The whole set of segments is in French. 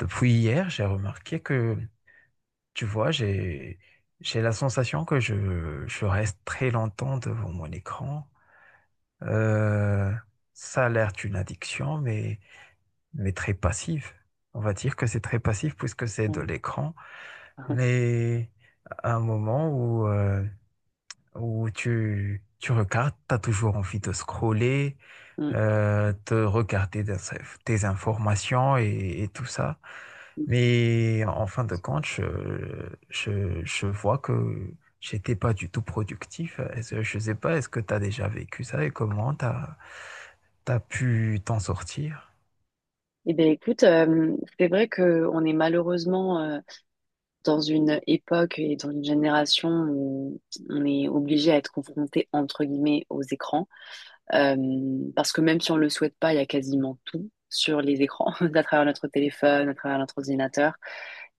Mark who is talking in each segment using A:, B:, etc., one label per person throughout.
A: Depuis hier, j'ai remarqué que, tu vois, j'ai la sensation que je reste très longtemps devant mon écran. Euh, Ça a l'air d'une addiction, mais très passive. On va dire que c'est très passif puisque c'est de
B: Ouais.
A: l'écran, mais à un moment où tu regardes, tu as toujours envie de scroller,
B: Mm.
A: te regarder tes informations et tout ça. Mais en fin de compte, je vois que j'étais pas du tout productif. Je sais pas, est-ce que tu as déjà vécu ça et comment tu as pu t'en sortir?
B: Eh bien, écoute, c'est vrai qu'on est malheureusement dans une époque et dans une génération où on est obligé à être confronté, entre guillemets, aux écrans. Parce que même si on le souhaite pas, il y a quasiment tout sur les écrans, à travers notre téléphone, à travers notre ordinateur.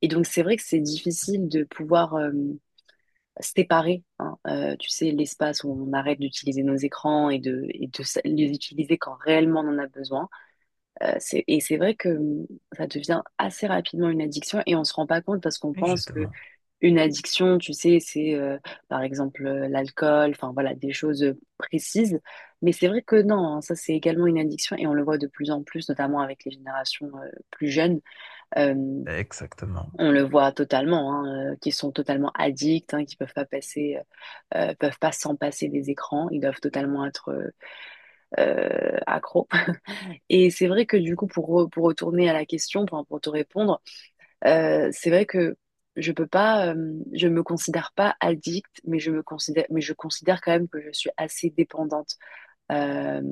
B: Et donc, c'est vrai que c'est difficile de pouvoir séparer, hein, tu sais, l'espace où on arrête d'utiliser nos écrans et de les utiliser quand réellement on en a besoin. Et c'est vrai que ça devient assez rapidement une addiction et on se rend pas compte parce qu'on
A: Oui,
B: pense que
A: justement,
B: une addiction, tu sais, c'est par exemple l'alcool, enfin voilà, des choses précises. Mais c'est vrai que non, hein, ça c'est également une addiction et on le voit de plus en plus, notamment avec les générations plus jeunes. Euh,
A: exactement.
B: on le voit totalement, hein, qui sont totalement addicts, hein, qui peuvent pas passer, peuvent pas s'en passer des écrans, ils doivent totalement être accros. Et c'est vrai que du coup, pour retourner à la question, enfin, pour te répondre, c'est vrai que je peux pas, je me considère pas addict, mais je me considère, mais je considère quand même que je suis assez dépendante euh,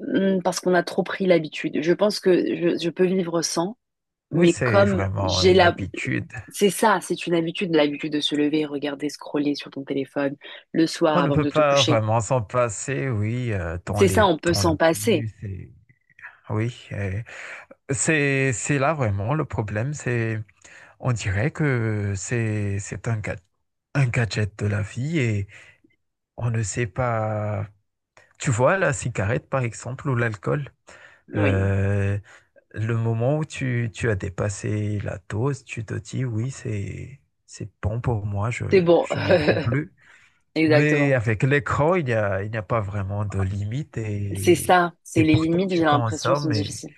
B: parce qu'on a trop pris l'habitude. Je pense que je peux vivre sans,
A: Oui,
B: mais
A: c'est
B: comme
A: vraiment
B: j'ai
A: une
B: la,
A: habitude.
B: c'est ça, c'est une habitude, l'habitude de se lever, regarder, scroller sur ton téléphone le soir
A: On ne
B: avant
A: peut
B: de te
A: pas
B: coucher.
A: vraiment s'en passer, oui, dans
B: C'est ça, on peut
A: dans le
B: s'en passer.
A: bus. Oui, et c'est là vraiment le problème, c'est... On dirait que un gadget de la vie et on ne sait pas. Tu vois, la cigarette, par exemple, ou l'alcool,
B: Oui,
A: euh, le moment où tu as dépassé la dose, tu te dis oui, c'est bon pour moi,
B: c'est bon,
A: je n'en prends plus. Mais
B: exactement.
A: avec l'écran, il n'y a pas vraiment de limite
B: C'est ça, c'est
A: et
B: les
A: pourtant
B: limites,
A: tu
B: j'ai l'impression, sont
A: consommes et...
B: difficiles.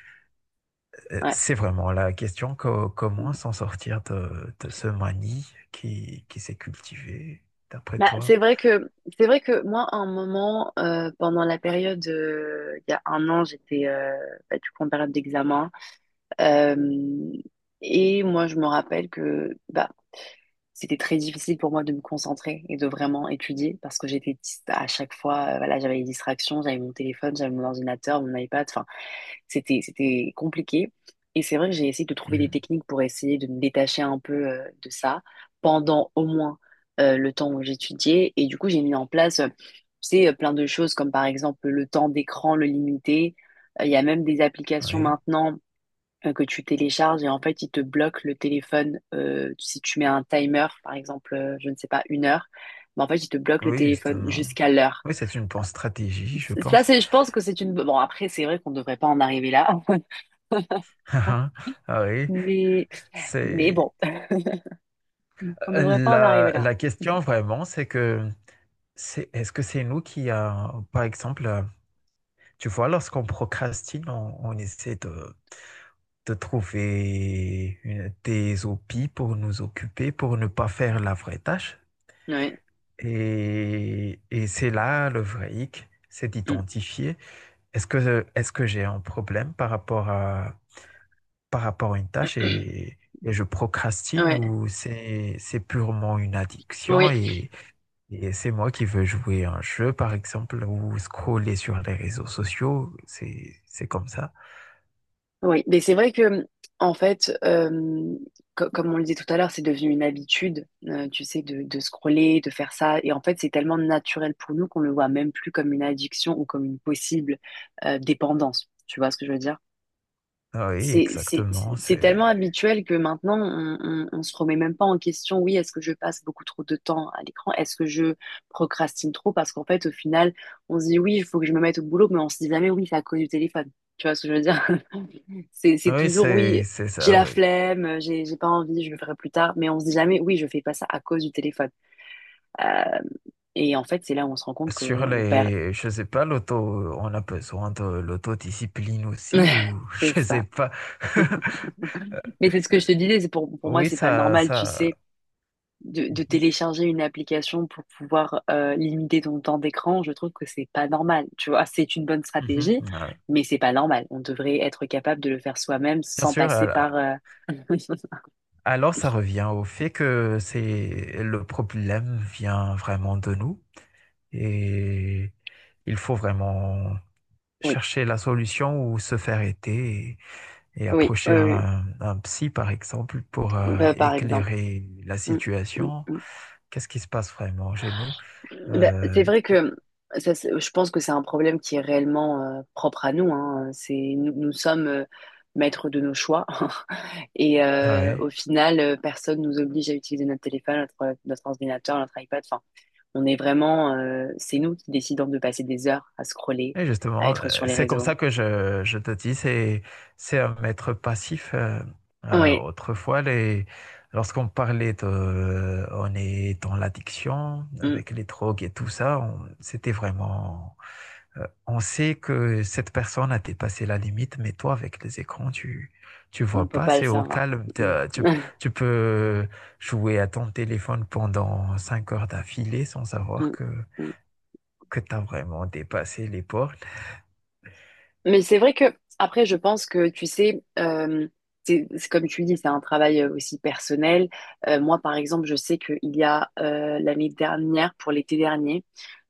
B: Ouais.
A: C'est vraiment la question, comment s'en sortir de ce manie qui s'est cultivé, d'après
B: Bah,
A: toi?
B: c'est vrai que moi, à un moment, pendant la période, il y a un an, j'étais bah, du coup en période d'examen. Euh, et moi, je me rappelle que bah, c'était très difficile pour moi de me concentrer et de vraiment étudier parce que j'étais à chaque fois, voilà, j'avais les distractions, j'avais mon téléphone, j'avais mon ordinateur, mon iPad, enfin, c'était compliqué. Et c'est vrai que j'ai essayé de trouver des
A: Mhm.
B: techniques pour essayer de me détacher un peu de ça pendant au moins le temps où j'étudiais. Et du coup, j'ai mis en place, tu sais, plein de choses comme par exemple le temps d'écran, le limiter. Il y a même des applications
A: Oui,
B: maintenant que tu télécharges et en fait, ils te bloquent le téléphone si tu mets un timer, par exemple, je ne sais pas, une heure. Mais en fait, ils te bloquent le
A: oui,
B: téléphone
A: justement.
B: jusqu'à l'heure.
A: Oui, c'est une bonne stratégie, je
B: Ça,
A: pense.
B: c'est, je pense que c'est une. Bon, après, c'est vrai qu'on ne devrait pas en arriver là.
A: Ah oui,
B: Mais, mais
A: c'est
B: bon, on ne devrait pas en arriver là.
A: la question vraiment, c'est que c'est est-ce que c'est nous qui a, par exemple, tu vois, lorsqu'on procrastine, on essaie de trouver des hobbies pour nous occuper, pour ne pas faire la vraie tâche.
B: Ouais.
A: Et c'est là le vrai hic, c'est d'identifier est-ce que j'ai un problème par rapport à une tâche
B: Mm.
A: et je procrastine
B: Ouais.
A: ou c'est purement une addiction
B: Oui.
A: et c'est moi qui veux jouer à un jeu par exemple ou scroller sur les réseaux sociaux, c'est comme ça.
B: Oui. Mais c'est vrai que, en fait, comme on le disait tout à l'heure, c'est devenu une habitude, tu sais, de scroller, de faire ça. Et en fait, c'est tellement naturel pour nous qu'on le voit même plus comme une addiction ou comme une possible, dépendance. Tu vois ce que je veux dire?
A: Ah oui,
B: c'est c'est-
A: exactement,
B: c'est tellement habituel que maintenant, on se remet même pas en question, oui, est-ce que je passe beaucoup trop de temps à l'écran? Est-ce que je procrastine trop? Parce qu'en fait, au final, on se dit, oui, il faut que je me mette au boulot, mais on se dit jamais, oui, c'est à cause du téléphone. Tu vois ce que je veux dire? C'est
A: oui,
B: toujours, oui,
A: c'est
B: j'ai
A: ça,
B: la
A: oui.
B: flemme, j'ai pas envie, je le ferai plus tard, mais on se dit jamais, oui, je fais pas ça à cause du téléphone. Euh, et en fait, c'est là où on se rend compte
A: Sur
B: qu'on perd.
A: les, je sais pas, l'auto, on a besoin de l'autodiscipline aussi, ou
B: C'est
A: je
B: ça.
A: sais pas.
B: Mais c'est ce que je te disais, c'est pour moi,
A: Oui,
B: c'est pas
A: ça,
B: normal, tu
A: ça.
B: sais, de
A: Mhm,
B: télécharger une application pour pouvoir limiter ton temps d'écran, je trouve que c'est pas normal. Tu vois, c'est une bonne
A: mhm.
B: stratégie, mais c'est pas normal. On devrait être capable de le faire soi-même
A: Bien
B: sans
A: sûr,
B: passer par.
A: alors ça revient au fait que c'est le problème vient vraiment de nous et il faut vraiment
B: Oui,
A: chercher la solution ou se faire aider et
B: oui,
A: approcher un psy, par exemple, pour
B: bah, par exemple.
A: éclairer la
B: Mm, mm,
A: situation.
B: mm.
A: Qu'est-ce qui se passe vraiment chez nous?
B: Bah, c'est
A: Euh,
B: vrai que je pense que c'est un problème qui est réellement propre à nous, hein. C'est, nous, nous sommes maîtres de nos choix et
A: ah ouais.
B: au final, personne nous oblige à utiliser notre téléphone, notre ordinateur, notre iPad. Enfin, on est vraiment, c'est nous qui décidons de passer des heures à scroller,
A: Et
B: à
A: justement,
B: être sur les
A: c'est comme
B: réseaux.
A: ça que je te dis, c'est un maître passif.
B: Oui,
A: Autrefois, les, lorsqu'on parlait on est dans l'addiction, avec les drogues et tout ça, c'était vraiment, on sait que cette personne a dépassé la limite, mais toi, avec les écrans, tu
B: on
A: vois
B: peut
A: pas,
B: pas le
A: c'est au
B: savoir.
A: calme.
B: Mm.
A: Tu peux jouer à ton téléphone pendant cinq heures d'affilée sans savoir
B: Mm.
A: que tu as vraiment dépassé les portes.
B: Mais c'est vrai que, après, je pense que, tu sais, c'est comme tu dis, c'est un travail aussi personnel. Moi, par exemple, je sais qu'il y a l'année dernière, pour l'été dernier,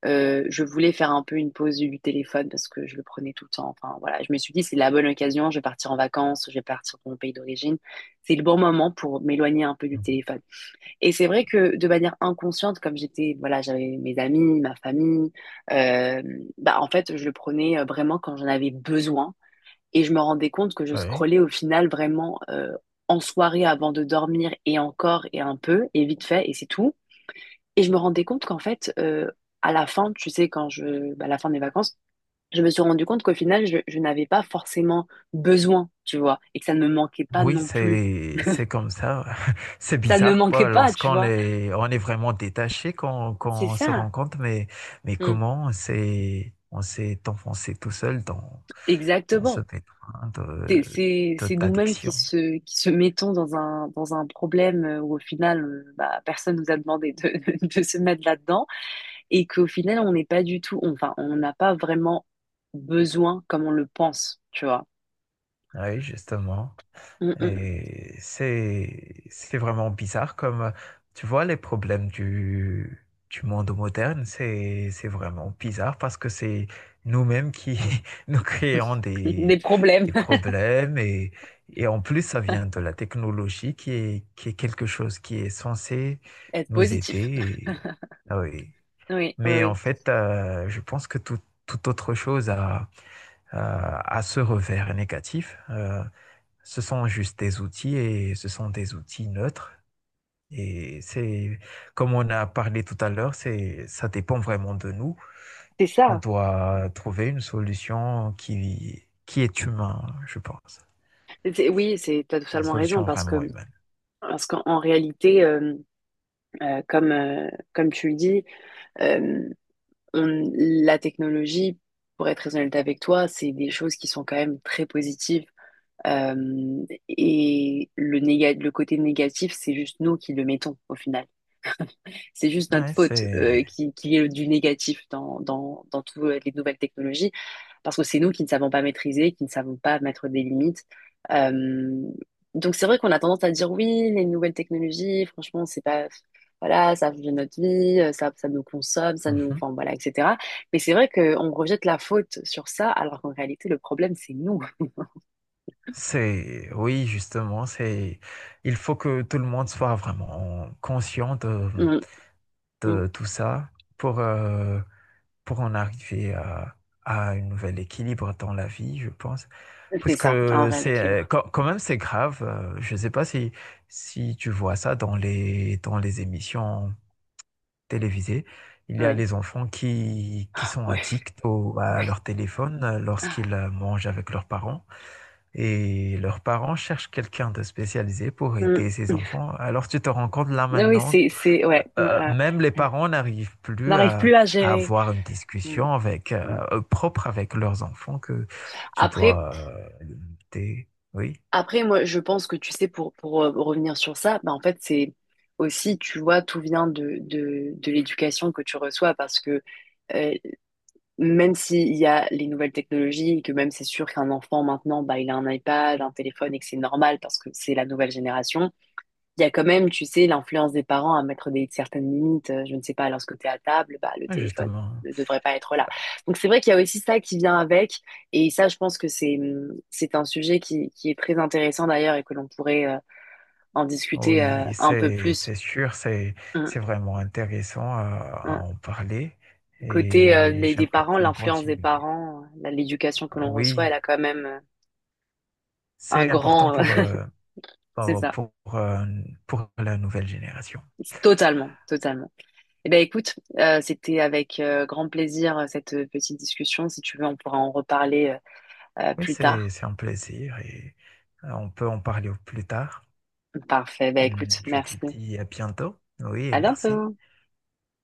B: je voulais faire un peu une pause du téléphone parce que je le prenais tout le temps. Enfin, voilà, je me suis dit, c'est la bonne occasion, je vais partir en vacances, je vais partir dans mon pays d'origine. C'est le bon moment pour m'éloigner un peu du
A: Mhm.
B: téléphone. Et c'est vrai que de manière inconsciente, comme j'étais, voilà, j'avais mes amis, ma famille, euh, bah, en fait, je le prenais vraiment quand j'en avais besoin. Et je me rendais compte que je
A: Oui.
B: scrollais au final vraiment en soirée avant de dormir et encore et un peu et vite fait et c'est tout. Et je me rendais compte qu'en fait, à la fin, tu sais, bah, à la fin des vacances, je me suis rendu compte qu'au final, je n'avais pas forcément besoin, tu vois, et que ça ne me manquait pas
A: Oui,
B: non plus.
A: c'est comme ça. C'est
B: Ça ne me
A: bizarre,
B: manquait
A: pas
B: pas, tu
A: lorsqu'on
B: vois.
A: est on est vraiment détaché
B: C'est
A: qu'on se
B: ça.
A: rend compte, mais
B: Mm.
A: comment on s'est enfoncé tout seul dans dans ce
B: Exactement.
A: pétrin
B: C'est, c'est, c'est nous-mêmes qui
A: d'addiction.
B: se, qui se mettons dans un problème où au final, bah, personne nous a demandé de, de se mettre là-dedans et qu'au final, on n'est pas du tout, enfin, on n'a pas vraiment besoin comme on le pense, tu vois.
A: Oui, justement.
B: Mm, mm.
A: Et c'est vraiment bizarre comme, tu vois, les problèmes du monde moderne, c'est vraiment bizarre parce que c'est nous-mêmes qui nous créons
B: Des problèmes.
A: des problèmes et en plus, ça vient de la technologie qui est quelque chose qui est censé
B: Être
A: nous aider.
B: positif.
A: Ah oui.
B: Oui, oui,
A: Mais en
B: oui.
A: fait, je pense que toute autre chose a ce revers négatif. Ce sont juste des outils et ce sont des outils neutres. Et c'est, Comme on a parlé tout à l'heure, ça dépend vraiment de nous.
B: C'est
A: On
B: ça.
A: doit trouver une solution qui est humaine, je pense.
B: Oui, t'as
A: Une
B: totalement raison
A: solution
B: parce que,
A: vraiment humaine.
B: parce qu'en en réalité, comme tu le dis, euh, la technologie, pour être très honnête avec toi, c'est des choses qui sont quand même très positives. Et le le côté négatif, c'est juste nous qui le mettons au final. C'est juste notre
A: Ouais,
B: faute
A: c'est...
B: qu'il y ait du négatif dans, dans toutes les nouvelles technologies, parce que c'est nous qui ne savons pas maîtriser, qui ne savons pas mettre des limites. Euh, donc c'est vrai qu'on a tendance à dire oui, les nouvelles technologies, franchement, c'est pas. Voilà, ça change notre vie, ça nous consomme, ça nous.
A: Mhm.
B: Enfin, voilà, etc. Mais c'est vrai qu'on rejette la faute sur ça, alors qu'en réalité, le problème, c'est nous.
A: Oui, justement, il faut que tout le monde soit vraiment conscient
B: Mm, mm.
A: de tout ça pour, euh, pour en arriver à un nouvel équilibre dans la vie, je pense. Parce
B: C'est ça, en
A: que c'est
B: réalité.
A: quand même c'est grave. Je ne sais pas si, si tu vois ça dans les émissions télévisées. Il y a
B: Oui,
A: les enfants qui sont
B: oui,
A: addicts à
B: oui.
A: leur téléphone lorsqu'ils mangent avec leurs parents. Et leurs parents cherchent quelqu'un de spécialisé pour
B: Mm.
A: aider ces enfants. Alors tu te rends compte là
B: Ah oui,
A: maintenant
B: ouais. euh,
A: même les parents n'arrivent plus
B: N'arrive plus à
A: à
B: gérer.
A: avoir une
B: Mm,
A: discussion avec,
B: mm.
A: propre avec leurs enfants que tu
B: Après,
A: dois limiter. Oui,
B: après, moi, je pense que tu sais, pour revenir sur ça, bah, en fait, c'est aussi, tu vois, tout vient de l'éducation que tu reçois parce que euh, même s'il y a les nouvelles technologies et que même c'est sûr qu'un enfant maintenant, bah, il a un iPad, un téléphone et que c'est normal parce que c'est la nouvelle génération, il y a quand même, tu sais, l'influence des parents à mettre des certaines limites. Je ne sais pas, lorsque tu es à table, bah, le
A: ouais,
B: téléphone
A: justement.
B: ne devrait pas être là. Donc c'est vrai qu'il y a aussi ça qui vient avec. Et ça, je pense que c'est un sujet qui est très intéressant d'ailleurs et que l'on pourrait en discuter
A: Oui,
B: un peu plus.
A: c'est sûr,
B: Hum,
A: c'est vraiment intéressant à
B: hum.
A: en parler
B: Côté
A: et
B: des
A: j'aimerais
B: parents,
A: bien
B: l'influence des
A: continuer.
B: parents, l'éducation que l'on reçoit, elle
A: Oui,
B: a quand même un
A: c'est important
B: grand.
A: pour,
B: C'est
A: pour,
B: ça.
A: pour, euh, pour la nouvelle génération.
B: Totalement, totalement. Eh ben écoute, c'était avec grand plaisir cette petite discussion. Si tu veux, on pourra en reparler
A: Oui,
B: plus tard.
A: c'est un plaisir et on peut en parler au plus tard.
B: Parfait. Ben
A: Hmm,
B: écoute,
A: je te
B: merci.
A: dis à bientôt. Oui,
B: À
A: merci.
B: bientôt.